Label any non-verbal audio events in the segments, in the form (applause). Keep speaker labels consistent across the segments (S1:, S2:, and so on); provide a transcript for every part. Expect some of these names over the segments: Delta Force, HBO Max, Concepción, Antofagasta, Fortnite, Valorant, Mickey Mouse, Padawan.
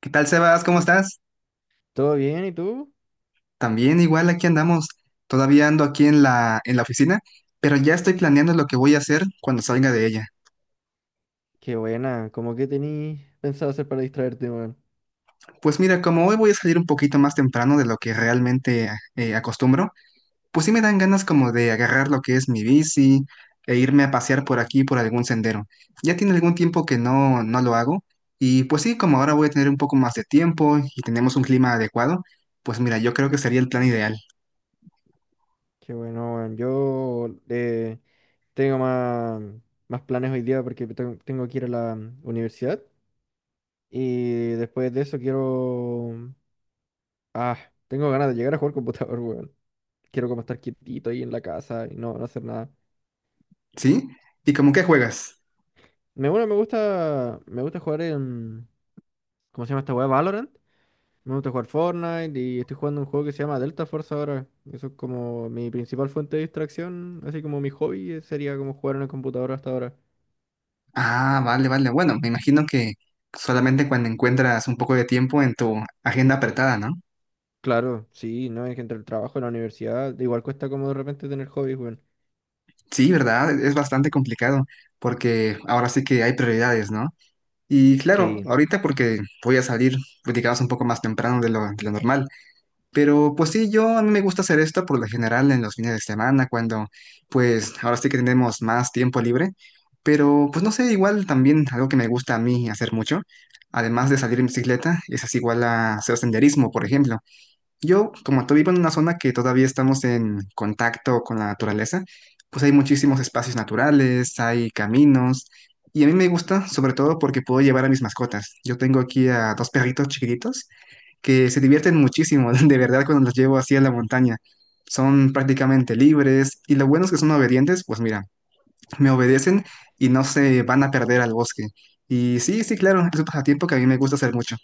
S1: ¿Qué tal, Sebas? ¿Cómo estás?
S2: ¿Todo bien? ¿Y tú?
S1: También igual aquí andamos. Todavía ando aquí en la oficina, pero ya estoy planeando lo que voy a hacer cuando salga de ella.
S2: Qué buena. ¿Cómo que tenías pensado hacer para distraerte, weón?
S1: Pues mira, como hoy voy a salir un poquito más temprano de lo que realmente acostumbro, pues sí me dan ganas como de agarrar lo que es mi bici e irme a pasear por aquí, por algún sendero. Ya tiene algún tiempo que no lo hago y pues sí, como ahora voy a tener un poco más de tiempo y tenemos un clima adecuado, pues mira, yo creo que sería el plan ideal.
S2: Qué bueno, weón. Yo tengo más planes hoy día porque tengo que ir a la universidad. Y después de eso quiero... Ah, tengo ganas de llegar a jugar (laughs) computador, weón. Quiero como estar quietito ahí en la casa y no hacer nada.
S1: ¿Sí? ¿Y como qué juegas?
S2: Bueno, me gusta jugar en... ¿Cómo se llama esta weá? ¿Valorant? Me gusta jugar Fortnite y estoy jugando un juego que se llama Delta Force ahora. Eso es como mi principal fuente de distracción, así como mi hobby sería como jugar en el computador hasta ahora.
S1: Ah, vale, vale. Bueno, me imagino que solamente cuando encuentras un poco de tiempo en tu agenda apretada, ¿no?
S2: Claro, sí, no, es que entre el trabajo y la universidad, igual cuesta como de repente tener hobbies, weón.
S1: Sí, ¿verdad? Es bastante complicado porque ahora sí que hay prioridades, ¿no? Y claro,
S2: Sí.
S1: ahorita porque voy a salir, pues, digamos, un poco más temprano de lo normal. Pero pues sí, yo a mí me gusta hacer esto por lo general en los fines de semana, cuando pues ahora sí que tenemos más tiempo libre. Pero pues no sé, igual también algo que me gusta a mí hacer mucho, además de salir en bicicleta, es así igual a hacer senderismo, por ejemplo. Yo, como tú, vivo en una zona que todavía estamos en contacto con la naturaleza, pues hay muchísimos espacios naturales, hay caminos. Y a mí me gusta, sobre todo porque puedo llevar a mis mascotas. Yo tengo aquí a dos perritos chiquititos que se divierten muchísimo, (laughs) de verdad, cuando los llevo así a la montaña. Son prácticamente libres y lo bueno es que son obedientes, pues mira, me obedecen y no se van a perder al bosque. Y sí, sí, claro, es un pasatiempo que a mí me gusta hacer mucho.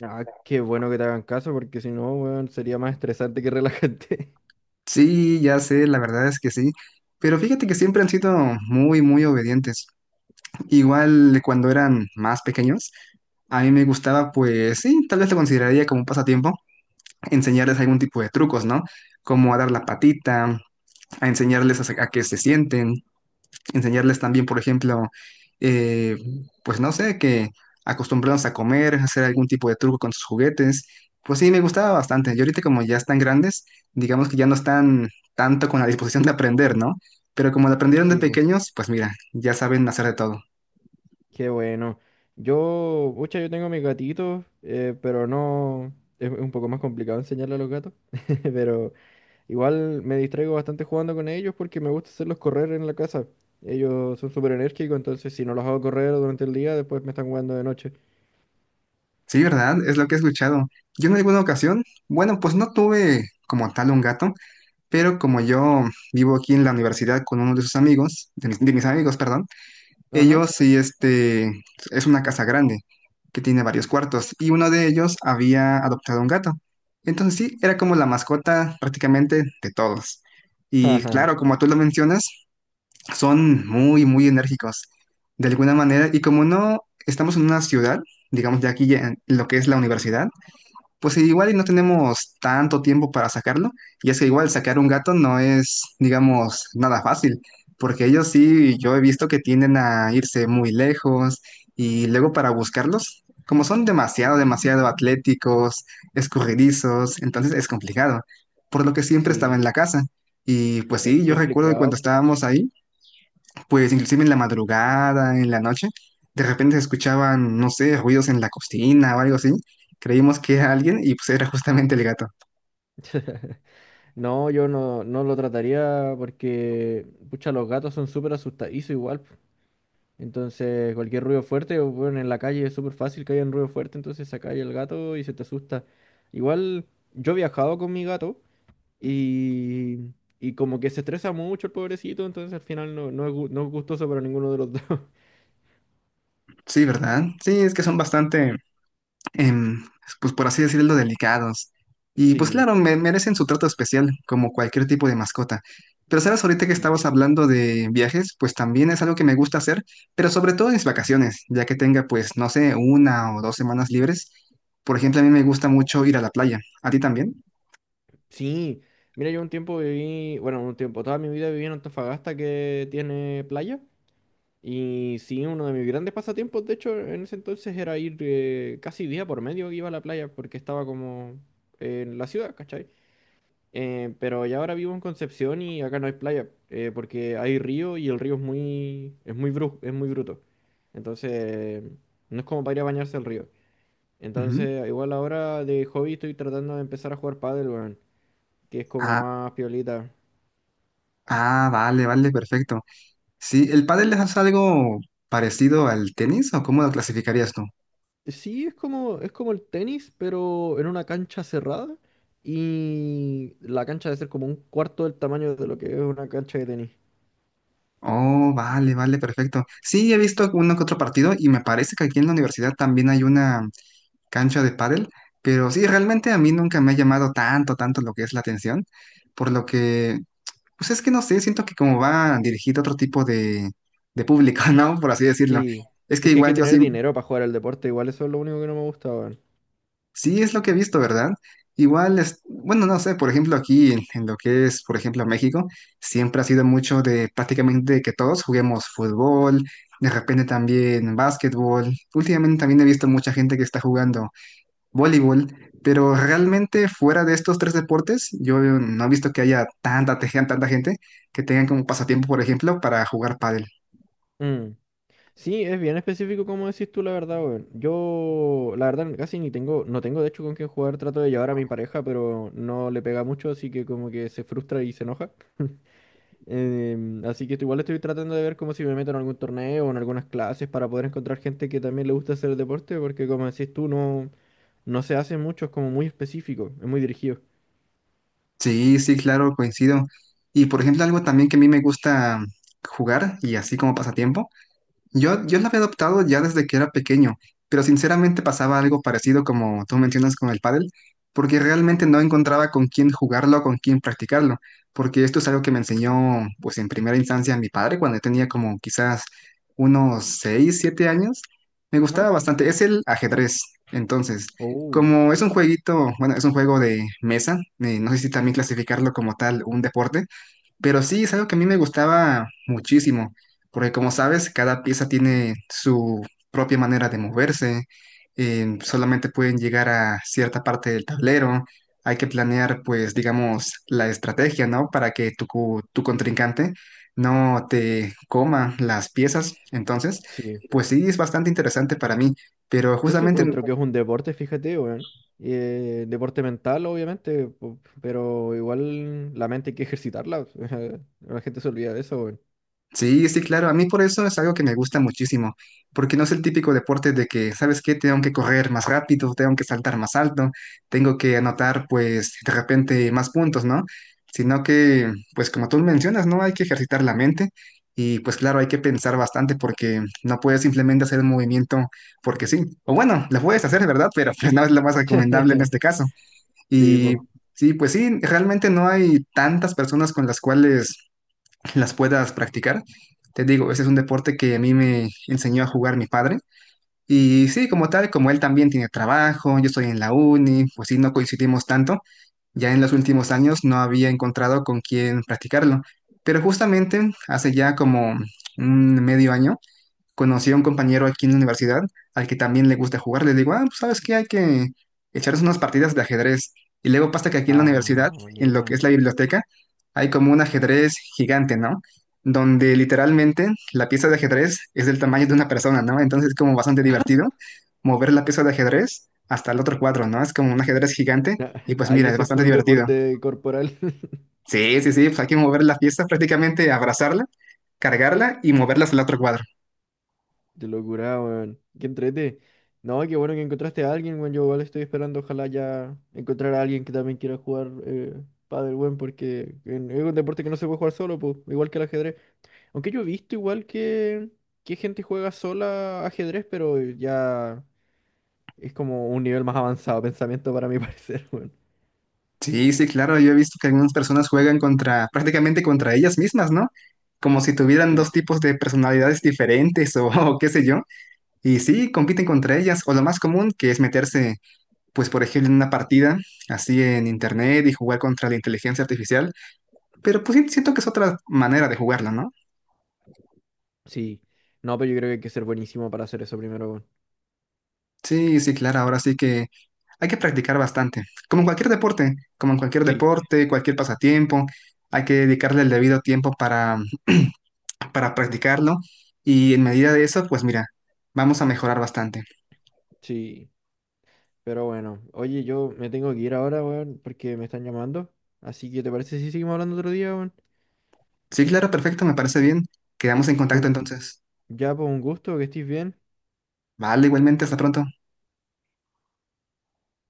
S2: Ah, qué bueno que te hagan caso, porque si no, weón, sería más estresante que relajante. (laughs)
S1: Sí, ya sé, la verdad es que sí, pero fíjate que siempre han sido muy, muy obedientes. Igual cuando eran más pequeños, a mí me gustaba, pues sí, tal vez lo consideraría como un pasatiempo, enseñarles algún tipo de trucos, ¿no? Como a dar la patita, a enseñarles a que se sienten, enseñarles también, por ejemplo, eh, pues no sé, que acostumbrarlos a comer, hacer algún tipo de truco con sus juguetes. Pues sí, me gustaba bastante. Y ahorita como ya están grandes, digamos que ya no están tanto con la disposición de aprender, ¿no? Pero como lo aprendieron de
S2: Sí, pues,
S1: pequeños, pues mira, ya saben hacer de todo.
S2: qué bueno. Yo, pucha, yo tengo mis gatitos, pero no, es un poco más complicado enseñarle a los gatos, (laughs) pero... Igual me distraigo bastante jugando con ellos porque me gusta hacerlos correr en la casa. Ellos son súper enérgicos, entonces si no los hago correr durante el día, después me están jugando de noche.
S1: Sí, ¿verdad? Es lo que he escuchado. Yo en alguna ocasión, bueno, pues no tuve como tal un gato, pero como yo vivo aquí en la universidad con uno de sus amigos, de mis amigos, perdón,
S2: Ajá.
S1: ellos sí, este, es una casa grande que tiene varios cuartos y uno de ellos había adoptado un gato. Entonces sí, era como la mascota prácticamente de todos. Y
S2: Ajá.
S1: claro, como tú lo mencionas, son muy, muy enérgicos de alguna manera. Y como no estamos en una ciudad, digamos ya aquí ya en lo que es la universidad, pues igual y no tenemos tanto tiempo para sacarlo, y es que igual sacar un gato no es, digamos, nada fácil, porque ellos sí, yo he visto que tienden a irse muy lejos y luego para buscarlos, como son demasiado, demasiado atléticos, escurridizos, entonces es complicado, por lo que siempre estaba
S2: Sí,
S1: en la casa. Y pues
S2: es
S1: sí, yo recuerdo que cuando
S2: complicado.
S1: estábamos ahí, pues inclusive en la madrugada, en la noche, de repente se escuchaban, no sé, ruidos en la cocina o algo así. Creímos que era alguien y pues era justamente el gato.
S2: (laughs) No, yo no, no lo trataría porque, pucha, los gatos son súper asustadizos igual. Po. Entonces, cualquier ruido fuerte, o, bueno, en la calle es súper fácil que haya un ruido fuerte, entonces se cae el gato y se te asusta. Igual, yo he viajado con mi gato Y, y como que se estresa mucho el pobrecito, entonces al final no es gustoso para ninguno de los dos. (laughs)
S1: Sí, ¿verdad? Sí, es que son bastante, em, pues por así decirlo, delicados. Y pues
S2: Sí,
S1: claro, merecen su trato especial, como cualquier tipo de mascota. Pero sabes, ahorita que estabas
S2: sí,
S1: hablando de viajes, pues también es algo que me gusta hacer, pero sobre todo en mis vacaciones, ya que tenga pues, no sé, una o dos semanas libres. Por ejemplo, a mí me gusta mucho ir a la playa. ¿A ti también?
S2: sí. Mira, yo un tiempo viví, bueno, un tiempo, toda mi vida viví en Antofagasta que tiene playa. Y sí, uno de mis grandes pasatiempos, de hecho, en ese entonces era ir casi día por medio iba a la playa porque estaba como en la ciudad, ¿cachai? Pero ya ahora vivo en Concepción y acá no hay playa, porque hay río y el río es muy bruto. Entonces, no es como para ir a bañarse al río. Entonces, igual ahora de hobby estoy tratando de empezar a jugar pádel, weón, que es como
S1: Ah,
S2: más piolita.
S1: ah, vale, vale, perfecto. Sí, ¿el pádel es algo parecido al tenis o cómo lo clasificarías tú?
S2: Sí, es como el tenis, pero en una cancha cerrada y la cancha debe ser como un cuarto del tamaño de lo que es una cancha de tenis.
S1: Oh, vale, vale, perfecto. Sí, he visto uno que otro partido y me parece que aquí en la universidad también hay una cancha de pádel, pero sí, realmente a mí nunca me ha llamado tanto, tanto lo que es la atención, por lo que, pues es que no sé, siento que como va dirigido a otro tipo de público, (laughs) ¿no? Por así decirlo.
S2: Sí,
S1: Es que
S2: es que hay
S1: igual
S2: que
S1: yo
S2: tener
S1: sí,
S2: dinero para jugar al deporte, igual eso es lo único que no me gusta, weón.
S1: sí, es lo que he visto, ¿verdad? Igual es, bueno, no sé, por ejemplo, aquí en lo que es, por ejemplo, México, siempre ha sido mucho de prácticamente que todos juguemos fútbol, de repente también básquetbol. Últimamente también he visto mucha gente que está jugando voleibol, pero realmente fuera de estos tres deportes, yo no he visto que haya tanta, tanta gente que tengan como pasatiempo, por ejemplo, para jugar pádel.
S2: Mm. Sí, es bien específico como decís tú, la verdad, weón. Yo, la verdad, casi ni tengo, no tengo de hecho con quién jugar, trato de llevar a mi pareja, pero no le pega mucho, así que como que se frustra y se enoja. Así que igual estoy tratando de ver como si me meto en algún torneo o en algunas clases para poder encontrar gente que también le gusta hacer el deporte, porque como decís tú, no, no se hace mucho, es como muy específico, es muy dirigido.
S1: Sí, sí, claro, coincido. Y por ejemplo, algo también que a mí me gusta jugar y así como pasatiempo, yo la había adoptado ya desde que era pequeño, pero sinceramente pasaba algo parecido como tú mencionas con el pádel, porque realmente no encontraba con quién jugarlo, con quién practicarlo, porque esto es algo que me enseñó, pues en primera instancia mi padre cuando yo tenía como quizás unos 6 7 años. Me
S2: Ajá.
S1: gustaba bastante, es el ajedrez. Entonces,
S2: Oh,
S1: como es un jueguito, bueno, es un juego de mesa, no sé si también clasificarlo como tal un deporte, pero sí, es algo que a mí me gustaba muchísimo, porque como sabes, cada pieza tiene su propia manera de moverse, solamente pueden llegar a cierta parte del tablero, hay que planear, pues, digamos, la estrategia, ¿no? Para que tu, tu contrincante no te coma las piezas. Entonces,
S2: sí.
S1: pues sí, es bastante interesante para mí, pero
S2: Yo sí
S1: justamente
S2: encuentro que es un deporte, fíjate, weón. Deporte mental, obviamente, po- pero igual la mente hay que ejercitarla. (laughs) La gente se olvida de eso, weón.
S1: sí, sí, claro. A mí por eso es algo que me gusta muchísimo, porque no es el típico deporte de que, ¿sabes qué? Tengo que correr más rápido, tengo que saltar más alto, tengo que anotar, pues, de repente más puntos, ¿no? Sino que, pues, como tú mencionas, ¿no? Hay que ejercitar la mente y, pues, claro, hay que pensar bastante porque no puedes simplemente hacer un movimiento porque sí. O bueno, lo
S2: Sí,
S1: puedes
S2: po.
S1: hacer, ¿verdad? (laughs) Pero pues no es lo más recomendable en
S2: (laughs)
S1: este caso.
S2: Sí,
S1: Y
S2: po.
S1: sí, pues sí, realmente no hay tantas personas con las cuales las puedas practicar. Te digo, ese es un deporte que a mí me enseñó a jugar mi padre. Y sí, como tal, como él también tiene trabajo, yo estoy en la uni, pues sí, no coincidimos tanto. Ya en los últimos años no había encontrado con quién practicarlo. Pero justamente hace ya como un medio año, conocí a un compañero aquí en la universidad al que también le gusta jugar. Le digo, ah, pues sabes qué, hay que echarnos unas partidas de ajedrez. Y luego pasa que aquí en la
S2: Ah,
S1: universidad, en lo que
S2: buena.
S1: es la biblioteca, hay como un ajedrez gigante, ¿no? Donde literalmente la pieza de ajedrez es del tamaño de una persona, ¿no? Entonces es como bastante divertido mover la pieza de ajedrez hasta el otro cuadro, ¿no? Es como un ajedrez gigante y
S2: (laughs)
S1: pues
S2: Ahí
S1: mira, es
S2: ese
S1: bastante
S2: full
S1: divertido.
S2: deporte corporal. (laughs)
S1: Sí, sí, sí, pues hay que mover la pieza prácticamente, abrazarla, cargarla y moverla hasta el otro cuadro.
S2: Qué locura, weón. Qué entrete. No, qué bueno que encontraste a alguien, weón. Yo igual estoy esperando, ojalá ya encontrar a alguien que también quiera jugar pádel, weón, porque en- es un deporte que no se puede jugar solo, pues, igual que el ajedrez. Aunque yo he visto que gente juega sola ajedrez, pero ya es como un nivel más avanzado (laughs) de pensamiento para mi (laughs) parecer, weón.
S1: Sí, sí, claro, yo he visto que algunas personas juegan contra, prácticamente contra ellas mismas, ¿no? Como si tuvieran
S2: Sí,
S1: dos tipos de personalidades diferentes o, (laughs) o qué sé yo. Y sí, compiten contra ellas. O lo más común, que es meterse, pues, por ejemplo, en una partida así en internet y jugar contra la inteligencia artificial. Pero pues sí, siento que es otra manera de jugarla, ¿no?
S2: sí. No, pero yo creo que hay que ser buenísimo para hacer eso primero, weón.
S1: Sí, sí, claro, ahora sí que hay que practicar bastante. Como en cualquier deporte, como en cualquier
S2: Sí,
S1: deporte, cualquier pasatiempo, hay que dedicarle el debido tiempo para practicarlo y en medida de eso, pues mira, vamos a mejorar bastante.
S2: sí. Pero bueno, oye, yo me tengo que ir ahora, weón, porque me están llamando. Así que, ¿te parece si seguimos hablando otro día, weón?
S1: Sí, claro, perfecto, me parece bien. Quedamos en
S2: Fue
S1: contacto
S2: un-
S1: entonces.
S2: Ya, por un gusto, que estés bien.
S1: Vale, igualmente, hasta pronto.